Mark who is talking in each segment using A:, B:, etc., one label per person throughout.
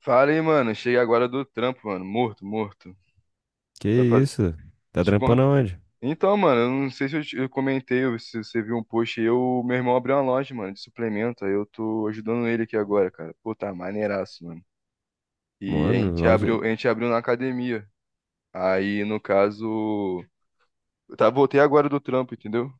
A: Fala aí, mano. Cheguei agora do trampo, mano. Morto, morto.
B: Que
A: Tá faz...
B: isso? Tá
A: Te
B: trampando
A: conta.
B: aonde?
A: Então, mano, eu não sei se eu, eu comentei, ou se você viu um post aí, eu, meu irmão abriu uma loja, mano, de suplemento. Aí eu tô ajudando ele aqui agora, cara. Pô, tá maneiraço, mano. E
B: Mano, loja.
A: a gente abriu na academia. Aí, no caso, eu tá, voltei agora do trampo, entendeu?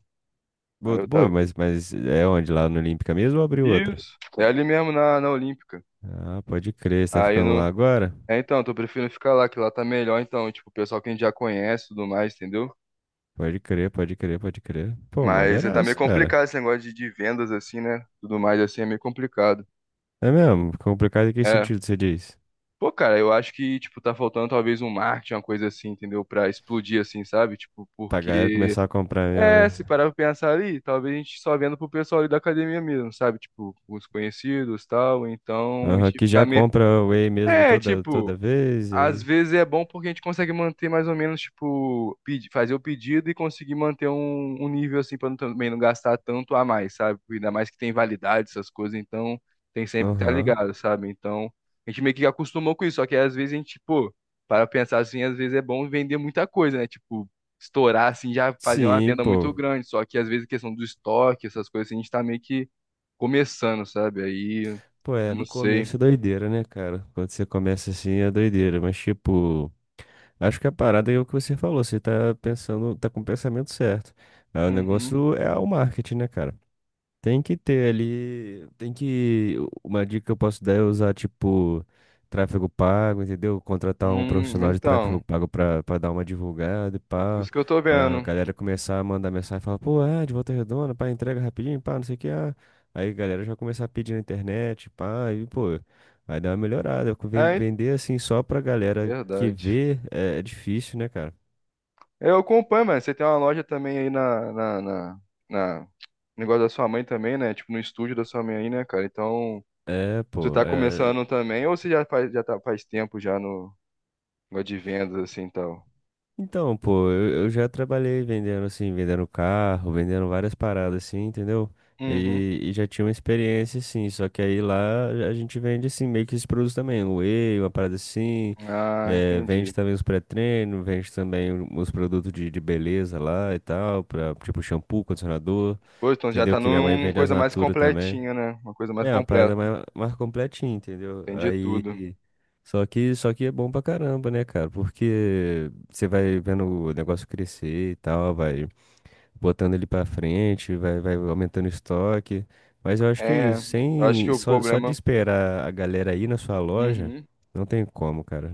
A: Aí
B: Pô,
A: eu
B: pô,
A: tava.
B: mas é onde? Lá no Olímpica mesmo ou abriu outra?
A: Isso. É ali mesmo na Olímpica.
B: Ah, pode crer, você tá
A: Aí
B: ficando lá
A: no.
B: agora?
A: É, então, tô preferindo ficar lá, que lá tá melhor, então, tipo, o pessoal que a gente já conhece e tudo mais, entendeu?
B: Pode crer, pode crer, pode crer. Pô,
A: Mas tá meio
B: maneiraço, cara.
A: complicado esse negócio de vendas, assim, né? Tudo mais, assim, é meio complicado.
B: É mesmo? Complicado em que
A: É.
B: sentido você diz?
A: Pô, cara, eu acho que, tipo, tá faltando talvez um marketing, uma coisa assim, entendeu? Pra explodir, assim, sabe? Tipo,
B: Pra galera
A: porque...
B: começar a comprar mesmo,
A: É, se
B: né?
A: parar pra pensar ali, talvez a gente só venda pro pessoal ali da academia mesmo, sabe? Tipo, os conhecidos e tal, então a
B: Aham,
A: gente
B: que já
A: ficar meio...
B: compra whey mesmo
A: É,
B: toda
A: tipo...
B: vez, e
A: Às
B: aí.
A: vezes é bom porque a gente consegue manter mais ou menos, tipo, fazer o pedido e conseguir manter um nível assim para também não gastar tanto a mais, sabe? Ainda mais que tem validade, essas coisas, então tem sempre que estar
B: Aham.
A: ligado, sabe? Então a gente meio que acostumou com isso, só que às vezes a gente, pô, para pensar assim, às vezes é bom vender muita coisa, né? Tipo, estourar assim, já fazer uma
B: Sim,
A: venda
B: pô.
A: muito grande, só que às vezes a questão do estoque, essas coisas, assim, a gente tá meio que começando, sabe? Aí, eu
B: Pô, é,
A: não
B: no
A: sei.
B: começo é doideira, né, cara? Quando você começa assim é doideira, mas tipo. Acho que a parada é o que você falou, você tá pensando, tá com o pensamento certo. Ah, o
A: Uhum.
B: negócio é o marketing, né, cara? Tem que ter ali, uma dica que eu posso dar é usar, tipo, tráfego pago, entendeu? Contratar um profissional de tráfego
A: Então,
B: pago pra dar uma divulgada e pá,
A: isso que eu tô
B: pra
A: vendo.
B: galera começar a mandar mensagem e falar, pô, de Volta Redonda, pá, entrega rapidinho, pá, não sei o que, ah. Aí a galera já começar a pedir na internet, pá, e pô, vai dar uma melhorada. Ven-
A: É, hein?
B: Vender assim só pra galera que
A: Verdade.
B: vê é difícil, né, cara?
A: Eu acompanho, mano. Você tem uma loja também aí na, negócio da sua mãe também, né? Tipo, no estúdio da sua mãe aí, né, cara? Então,
B: É,
A: você
B: pô,
A: tá
B: é,
A: começando também ou você já faz, já tá, faz tempo já no negócio de vendas, assim, e tal?
B: Então, pô, eu já trabalhei vendendo, assim, vendendo carro, vendendo várias paradas, assim, entendeu?
A: Uhum.
B: E já tinha uma experiência, assim, só que aí lá a gente vende, assim, meio que esses produtos também, o whey, uma parada assim,
A: Ah, entendi.
B: vende também os pré-treinos, vende também os produtos de beleza lá e tal, pra, tipo shampoo, condicionador,
A: Pô, então já
B: entendeu?
A: tá
B: Que minha mãe
A: numa
B: vende as
A: coisa mais
B: Natura também.
A: completinha, né? Uma coisa mais
B: É uma parada
A: completa.
B: mais completinha, entendeu?
A: Entendi tudo.
B: Aí. Só que é bom pra caramba, né, cara? Porque você vai vendo o negócio crescer e tal, vai botando ele pra frente, vai aumentando o estoque. Mas eu acho que é
A: É,
B: isso.
A: eu acho que
B: Sem,
A: o
B: só, só de
A: problema...
B: esperar a galera ir na sua loja,
A: Uhum.
B: não tem como, cara.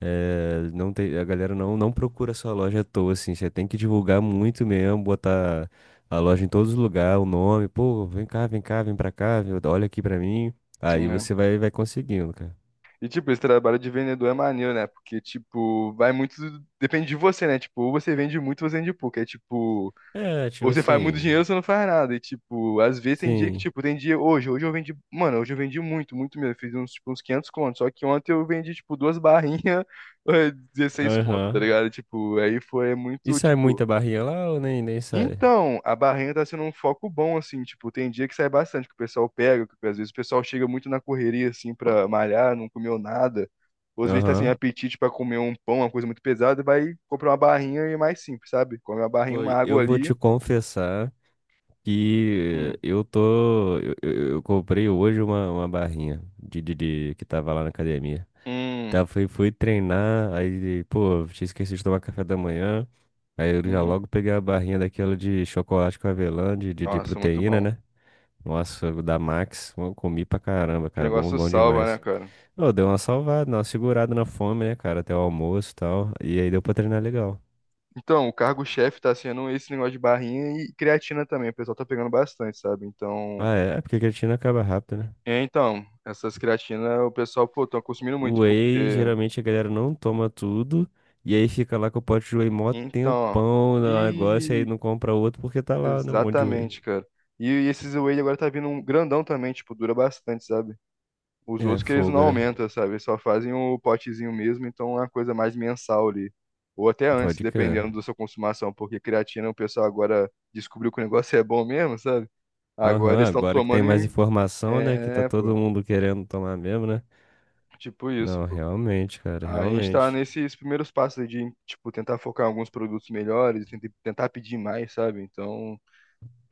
B: É, não tem, a galera não, não procura sua loja à toa, assim. Você tem que divulgar muito mesmo, botar a loja em todos os lugares, o nome. Pô, vem cá, vem cá, vem pra cá, viu? Olha aqui pra mim. Aí você vai conseguindo, cara.
A: E, tipo, esse trabalho de vendedor é maneiro, né? Porque, tipo, vai muito. Depende de você, né? Tipo, ou você vende muito, ou você vende pouco. É tipo,
B: É, tipo
A: ou você faz muito
B: assim.
A: dinheiro, ou você não faz nada. E, tipo, às vezes tem dia que,
B: Sim.
A: tipo, tem dia. Hoje, hoje eu vendi. Mano, hoje eu vendi muito, muito mesmo. Eu fiz uns, tipo, uns 500 contos. Só que ontem eu vendi, tipo, duas barrinhas, 16 contos, tá
B: Aham.
A: ligado? Tipo, aí foi
B: E
A: muito,
B: sai
A: tipo.
B: muita barrinha lá ou nem sai?
A: Então, a barrenha tá sendo um foco bom, assim, tipo, tem dia que sai bastante, que o pessoal pega, que às vezes o pessoal chega muito na correria, assim, pra malhar, não comeu nada, ou às vezes tá sem
B: Aham.
A: apetite pra comer um pão, uma coisa muito pesada, vai comprar uma barrinha e é mais simples, sabe? Come uma
B: Pô,
A: barrinha, uma água
B: eu vou
A: ali.
B: te confessar que
A: Hum,
B: eu tô. Eu comprei hoje uma barrinha de que tava lá na academia.
A: hum,
B: Tá, fui treinar, aí, pô, tinha esquecido de tomar café da manhã. Aí eu já
A: uhum.
B: logo peguei a barrinha daquela de chocolate com avelã, de
A: Nossa, muito
B: proteína,
A: bom.
B: né? Nossa, da Max, eu comi pra caramba,
A: Que
B: cara, bom,
A: negócio
B: bom
A: salva, né,
B: demais.
A: cara?
B: Ô, deu uma salvada, uma segurada na fome, né, cara, até o almoço e tal. E aí deu pra treinar legal.
A: Então, o cargo-chefe tá sendo esse negócio de barrinha e creatina também, o pessoal tá pegando bastante, sabe? Então,
B: Ah, é porque a creatina acaba rápido, né?
A: é, então, essas creatinas o pessoal, pô, tão consumindo
B: O
A: muito,
B: whey,
A: porque
B: geralmente a galera não toma tudo. E aí fica lá com o pote de whey mó
A: então,
B: tempão no negócio, e aí
A: e
B: não compra outro porque tá lá, né, um monte de whey.
A: exatamente, cara. E esses Wade agora tá vindo um grandão também, tipo, dura bastante, sabe? Os
B: É,
A: outros que eles não
B: fogo, né?
A: aumentam, sabe? Eles só fazem o potezinho mesmo, então é uma coisa mais mensal ali. Ou até antes,
B: Pode crer.
A: dependendo da sua consumação, porque creatina o pessoal agora descobriu que o negócio é bom mesmo, sabe? Agora
B: Aham,
A: eles estão
B: agora que tem
A: tomando
B: mais
A: em...
B: informação, né? Que tá
A: É,
B: todo
A: pô.
B: mundo querendo tomar mesmo, né?
A: Tipo isso,
B: Não,
A: pô.
B: realmente, cara,
A: A gente caramba, tá
B: realmente.
A: nesses primeiros passos aí de, tipo, tentar focar em alguns produtos melhores, tentar pedir mais, sabe? Então.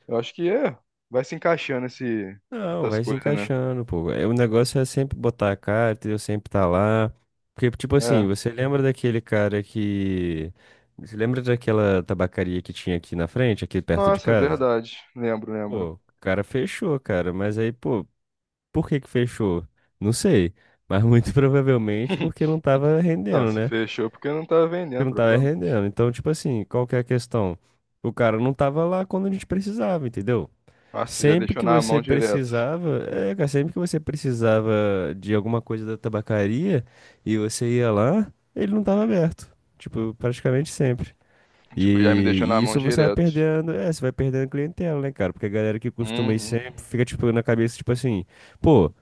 A: Eu acho que é. Vai se encaixando esse,
B: Não,
A: essas
B: vai se
A: coisas, né?
B: encaixando, pô. É, o negócio é sempre botar a cara, entendeu? Sempre tá lá. Porque, tipo assim,
A: É.
B: você lembra daquele cara que. Você lembra daquela tabacaria que tinha aqui na frente, aqui perto de
A: Nossa,
B: casa?
A: verdade. Lembro, lembro.
B: Pô, o cara fechou, cara. Mas aí, pô, por que que fechou? Não sei. Mas muito provavelmente porque não tava
A: Não,
B: rendendo,
A: se
B: né?
A: fechou porque não tava
B: Porque
A: vendendo,
B: não tava
A: provavelmente.
B: rendendo. Então, tipo assim, qual que é a questão? O cara não tava lá quando a gente precisava, entendeu?
A: Nossa, já
B: Sempre
A: deixou
B: que
A: na mão
B: você
A: direto.
B: precisava, cara, sempre que você precisava de alguma coisa da tabacaria e você ia lá, ele não tava aberto. Tipo, praticamente sempre.
A: Tipo, já me
B: E,
A: deixou na
B: e
A: mão
B: isso
A: direto.
B: você vai perdendo clientela, né, cara? Porque a galera que costuma ir
A: Uhum.
B: sempre fica, tipo, na cabeça, tipo assim, pô,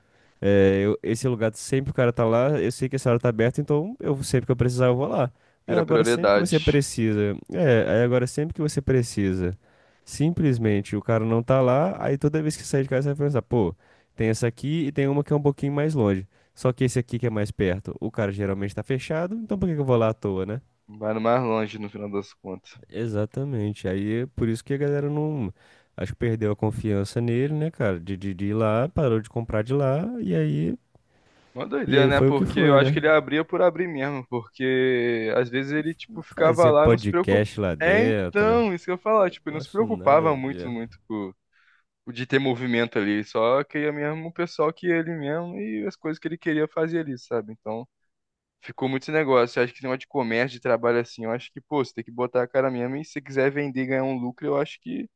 B: esse lugar sempre o cara tá lá, eu sei que essa hora tá aberta, então eu sempre que eu precisar eu vou lá. Aí
A: Vira
B: agora sempre que você
A: prioridade.
B: precisa, aí agora sempre que você precisa, simplesmente o cara não tá lá, aí toda vez que sair de casa você vai pensar, pô, tem essa aqui e tem uma que é um pouquinho mais longe. Só que esse aqui que é mais perto, o cara geralmente tá fechado, então por que que eu vou lá à toa, né?
A: Vai no mais longe no final das contas.
B: Exatamente. Aí é por isso que a galera não. Acho que perdeu a confiança nele, né, cara? De ir lá, parou de comprar de lá, e aí,
A: Uma
B: e
A: doideira,
B: aí
A: né?
B: foi o que
A: Porque eu
B: foi,
A: acho que
B: né?
A: ele abria por abrir mesmo. Porque às vezes ele, tipo, ficava
B: Fazia
A: lá e não se preocupava.
B: podcast lá
A: É,
B: dentro.
A: então, isso que eu ia falar.
B: É,
A: Tipo, ele não se
B: quase nada a
A: preocupava muito,
B: ver.
A: muito com de ter movimento ali. Só que queria mesmo o pessoal que ele mesmo e as coisas que ele queria fazer ali, sabe? Então, ficou muito esse negócio. Eu acho que esse negócio de comércio, de trabalho assim, eu acho que, pô, você tem que botar a cara mesmo e se você quiser vender e ganhar um lucro, eu acho que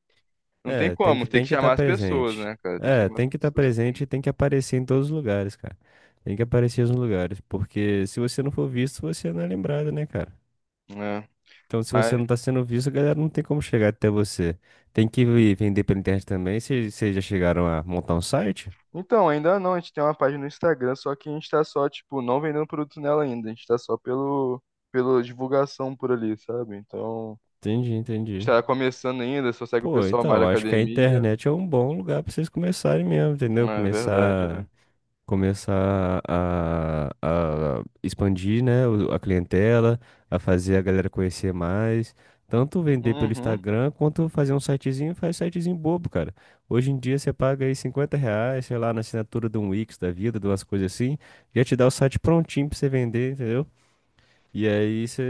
A: não tem
B: É, tem
A: como.
B: que
A: Tem que
B: tem que estar
A: chamar as pessoas,
B: presente.
A: né, cara? Tem que
B: É,
A: chamar as
B: tem que estar
A: pessoas.
B: presente
A: Sim.
B: e tem que aparecer em todos os lugares, cara. Tem que aparecer nos lugares, porque se você não for visto, você não é lembrado, né, cara?
A: É.
B: Então, se você
A: Mas,
B: não tá sendo visto, a galera não tem como chegar até você. Tem que vender pela internet também. Vocês já chegaram a montar um site?
A: então, ainda não, a gente tem uma página no Instagram, só que a gente tá só, tipo, não vendendo produto nela ainda, a gente tá só pelo, pela divulgação por ali, sabe? Então,
B: Entendi,
A: a gente
B: entendi.
A: tá começando ainda, só segue o
B: Pô,
A: pessoal mais da
B: então, acho que a
A: academia.
B: internet é um bom lugar pra vocês começarem mesmo, entendeu?
A: É verdade, né?
B: Começar a expandir, né, a clientela, a fazer a galera conhecer mais, tanto vender pelo
A: Uhum.
B: Instagram quanto fazer um sitezinho, faz um sitezinho bobo, cara. Hoje em dia você paga aí R$ 50, sei lá, na assinatura de um Wix da vida, de umas coisas assim, já te dá o site prontinho pra você vender, entendeu?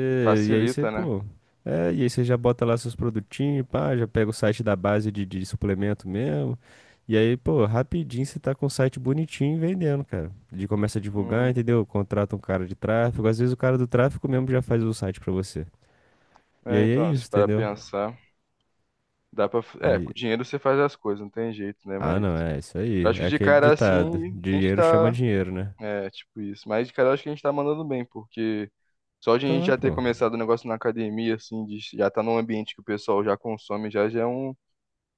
B: E aí você,
A: Facilita, né?
B: pô, é, e aí você já bota lá seus produtinhos, pá, já pega o site da base de suplemento mesmo. E aí, pô, rapidinho você tá com o site bonitinho vendendo, cara. De começa a divulgar,
A: Hum.
B: entendeu? Contrata um cara de tráfego, às vezes o cara do tráfego mesmo já faz o site pra você. E
A: É,
B: aí é
A: então, se
B: isso,
A: para
B: entendeu?
A: pensar, dá para, é,
B: Aí,
A: com dinheiro você faz as coisas, não tem jeito, né?
B: ah,
A: Mas
B: não, é isso
A: eu
B: aí.
A: acho que
B: É
A: de
B: aquele
A: cara
B: ditado,
A: assim, a gente
B: dinheiro chama
A: tá,
B: dinheiro, né?
A: é, tipo isso, mas de cara eu acho que a gente tá mandando bem, porque só de a gente
B: Tá,
A: já ter
B: pô.
A: começado o negócio na academia assim, de já tá num ambiente que o pessoal já consome, já é um,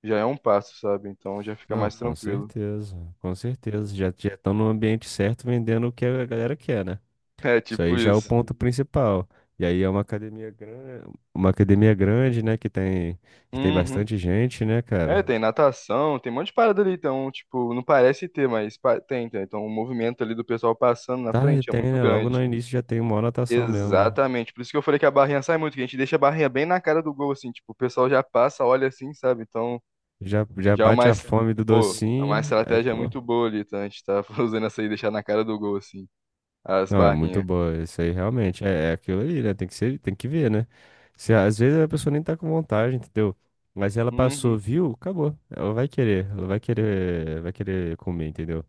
A: já é um passo, sabe? Então já fica
B: Não,
A: mais
B: com
A: tranquilo.
B: certeza, com certeza. Já já estão no ambiente certo vendendo o que a galera quer, né?
A: É,
B: Isso
A: tipo
B: aí já é o
A: isso.
B: ponto principal. E aí é uma academia grande, né, que tem
A: Uhum.
B: bastante gente, né,
A: É,
B: cara?
A: tem natação, tem um monte de parada ali, então, tipo, não parece ter, mas pa- tem, tem. Então, o movimento ali do pessoal passando na
B: Tá,
A: frente é
B: tem,
A: muito
B: né? Logo
A: grande.
B: no início já tem uma anotação mesmo, né?
A: Exatamente. Por isso que eu falei que a barrinha sai muito, que a gente deixa a barrinha bem na cara do gol, assim, tipo, o pessoal já passa, olha assim, sabe? Então,
B: Já já
A: já é uma,
B: bate a
A: es-
B: fome do
A: pô, é uma
B: docinho, aí,
A: estratégia
B: pô.
A: muito boa ali, tá? A gente tá usando essa aí, deixar na cara do gol, assim, as
B: Não, é muito
A: barrinhas.
B: boa, isso aí realmente é aquilo ali, né? Tem que ser, tem que ver, né? Se, às vezes a pessoa nem tá com vontade, entendeu? Mas ela passou,
A: Uhum.
B: viu? Acabou. Ela vai querer comer, entendeu?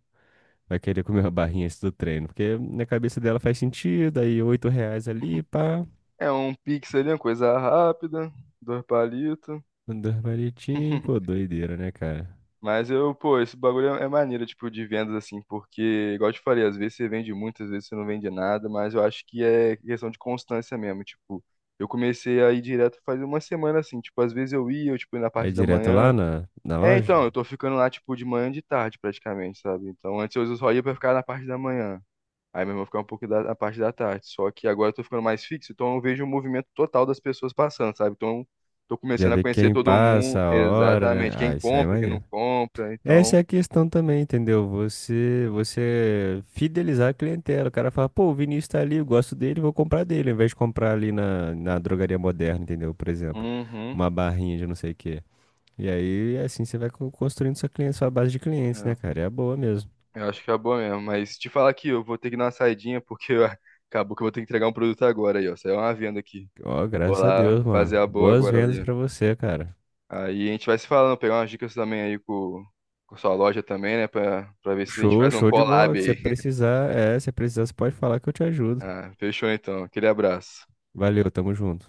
B: Vai querer comer uma barrinha antes do treino. Porque na cabeça dela faz sentido. Aí, oito reais ali, pá.
A: É um pix ali, uma coisa rápida, dois palitos.
B: Dois palitinhos. Pô, doideira, né, cara?
A: Mas eu, pô, esse bagulho é maneiro, tipo, de vendas, assim, porque, igual eu te falei, às vezes você vende muito, às vezes você não vende nada, mas eu acho que é questão de constância mesmo, tipo, eu comecei a ir direto faz uma semana, assim, tipo, às vezes eu ia, eu, tipo, ia na
B: Aí,
A: parte da
B: direto lá
A: manhã,
B: na
A: é,
B: loja.
A: então, eu tô ficando lá, tipo, de manhã e de tarde, praticamente, sabe, então, antes eu só ia pra ficar na parte da manhã, aí mesmo eu vou ficar um pouco da, na parte da tarde. Só que agora eu tô ficando mais fixo, então eu vejo o movimento total das pessoas passando, sabe? Então tô
B: Já
A: começando a tem
B: vê
A: conhecer que
B: quem
A: todo estar
B: passa,
A: mundo,
B: a
A: total,
B: hora, né?
A: exatamente, né? Quem
B: Ah, isso aí é
A: compra, quem não
B: maneiro.
A: compra,
B: Essa é
A: então.
B: a questão também, entendeu? Você fidelizar a clientela. O cara fala, pô, o Vinícius tá ali, eu gosto dele, vou comprar dele. Ao invés de comprar ali na drogaria moderna, entendeu? Por exemplo,
A: Uhum.
B: uma barrinha de não sei o quê. E aí, assim, você vai construindo sua base de clientes, né,
A: É,
B: cara? E é boa mesmo.
A: eu acho que acabou mesmo. Mas te falar aqui, eu vou ter que dar uma saidinha, porque eu- acabou que eu vou ter que entregar um produto agora aí, ó. Saiu uma venda aqui.
B: Ó,
A: Vou
B: graças a
A: lá
B: Deus,
A: fazer
B: mano.
A: a boa
B: Boas
A: agora
B: vendas
A: ali, ó.
B: pra você, cara.
A: Aí a gente vai se falando, pegar umas dicas também aí com sua loja também, né? Pra, pra ver se a gente
B: Show,
A: faz um
B: show de bola.
A: collab
B: Se
A: aí.
B: precisar, é, se precisar, você pode falar que eu te ajudo.
A: Ah, fechou então. Aquele abraço.
B: Valeu, tamo junto.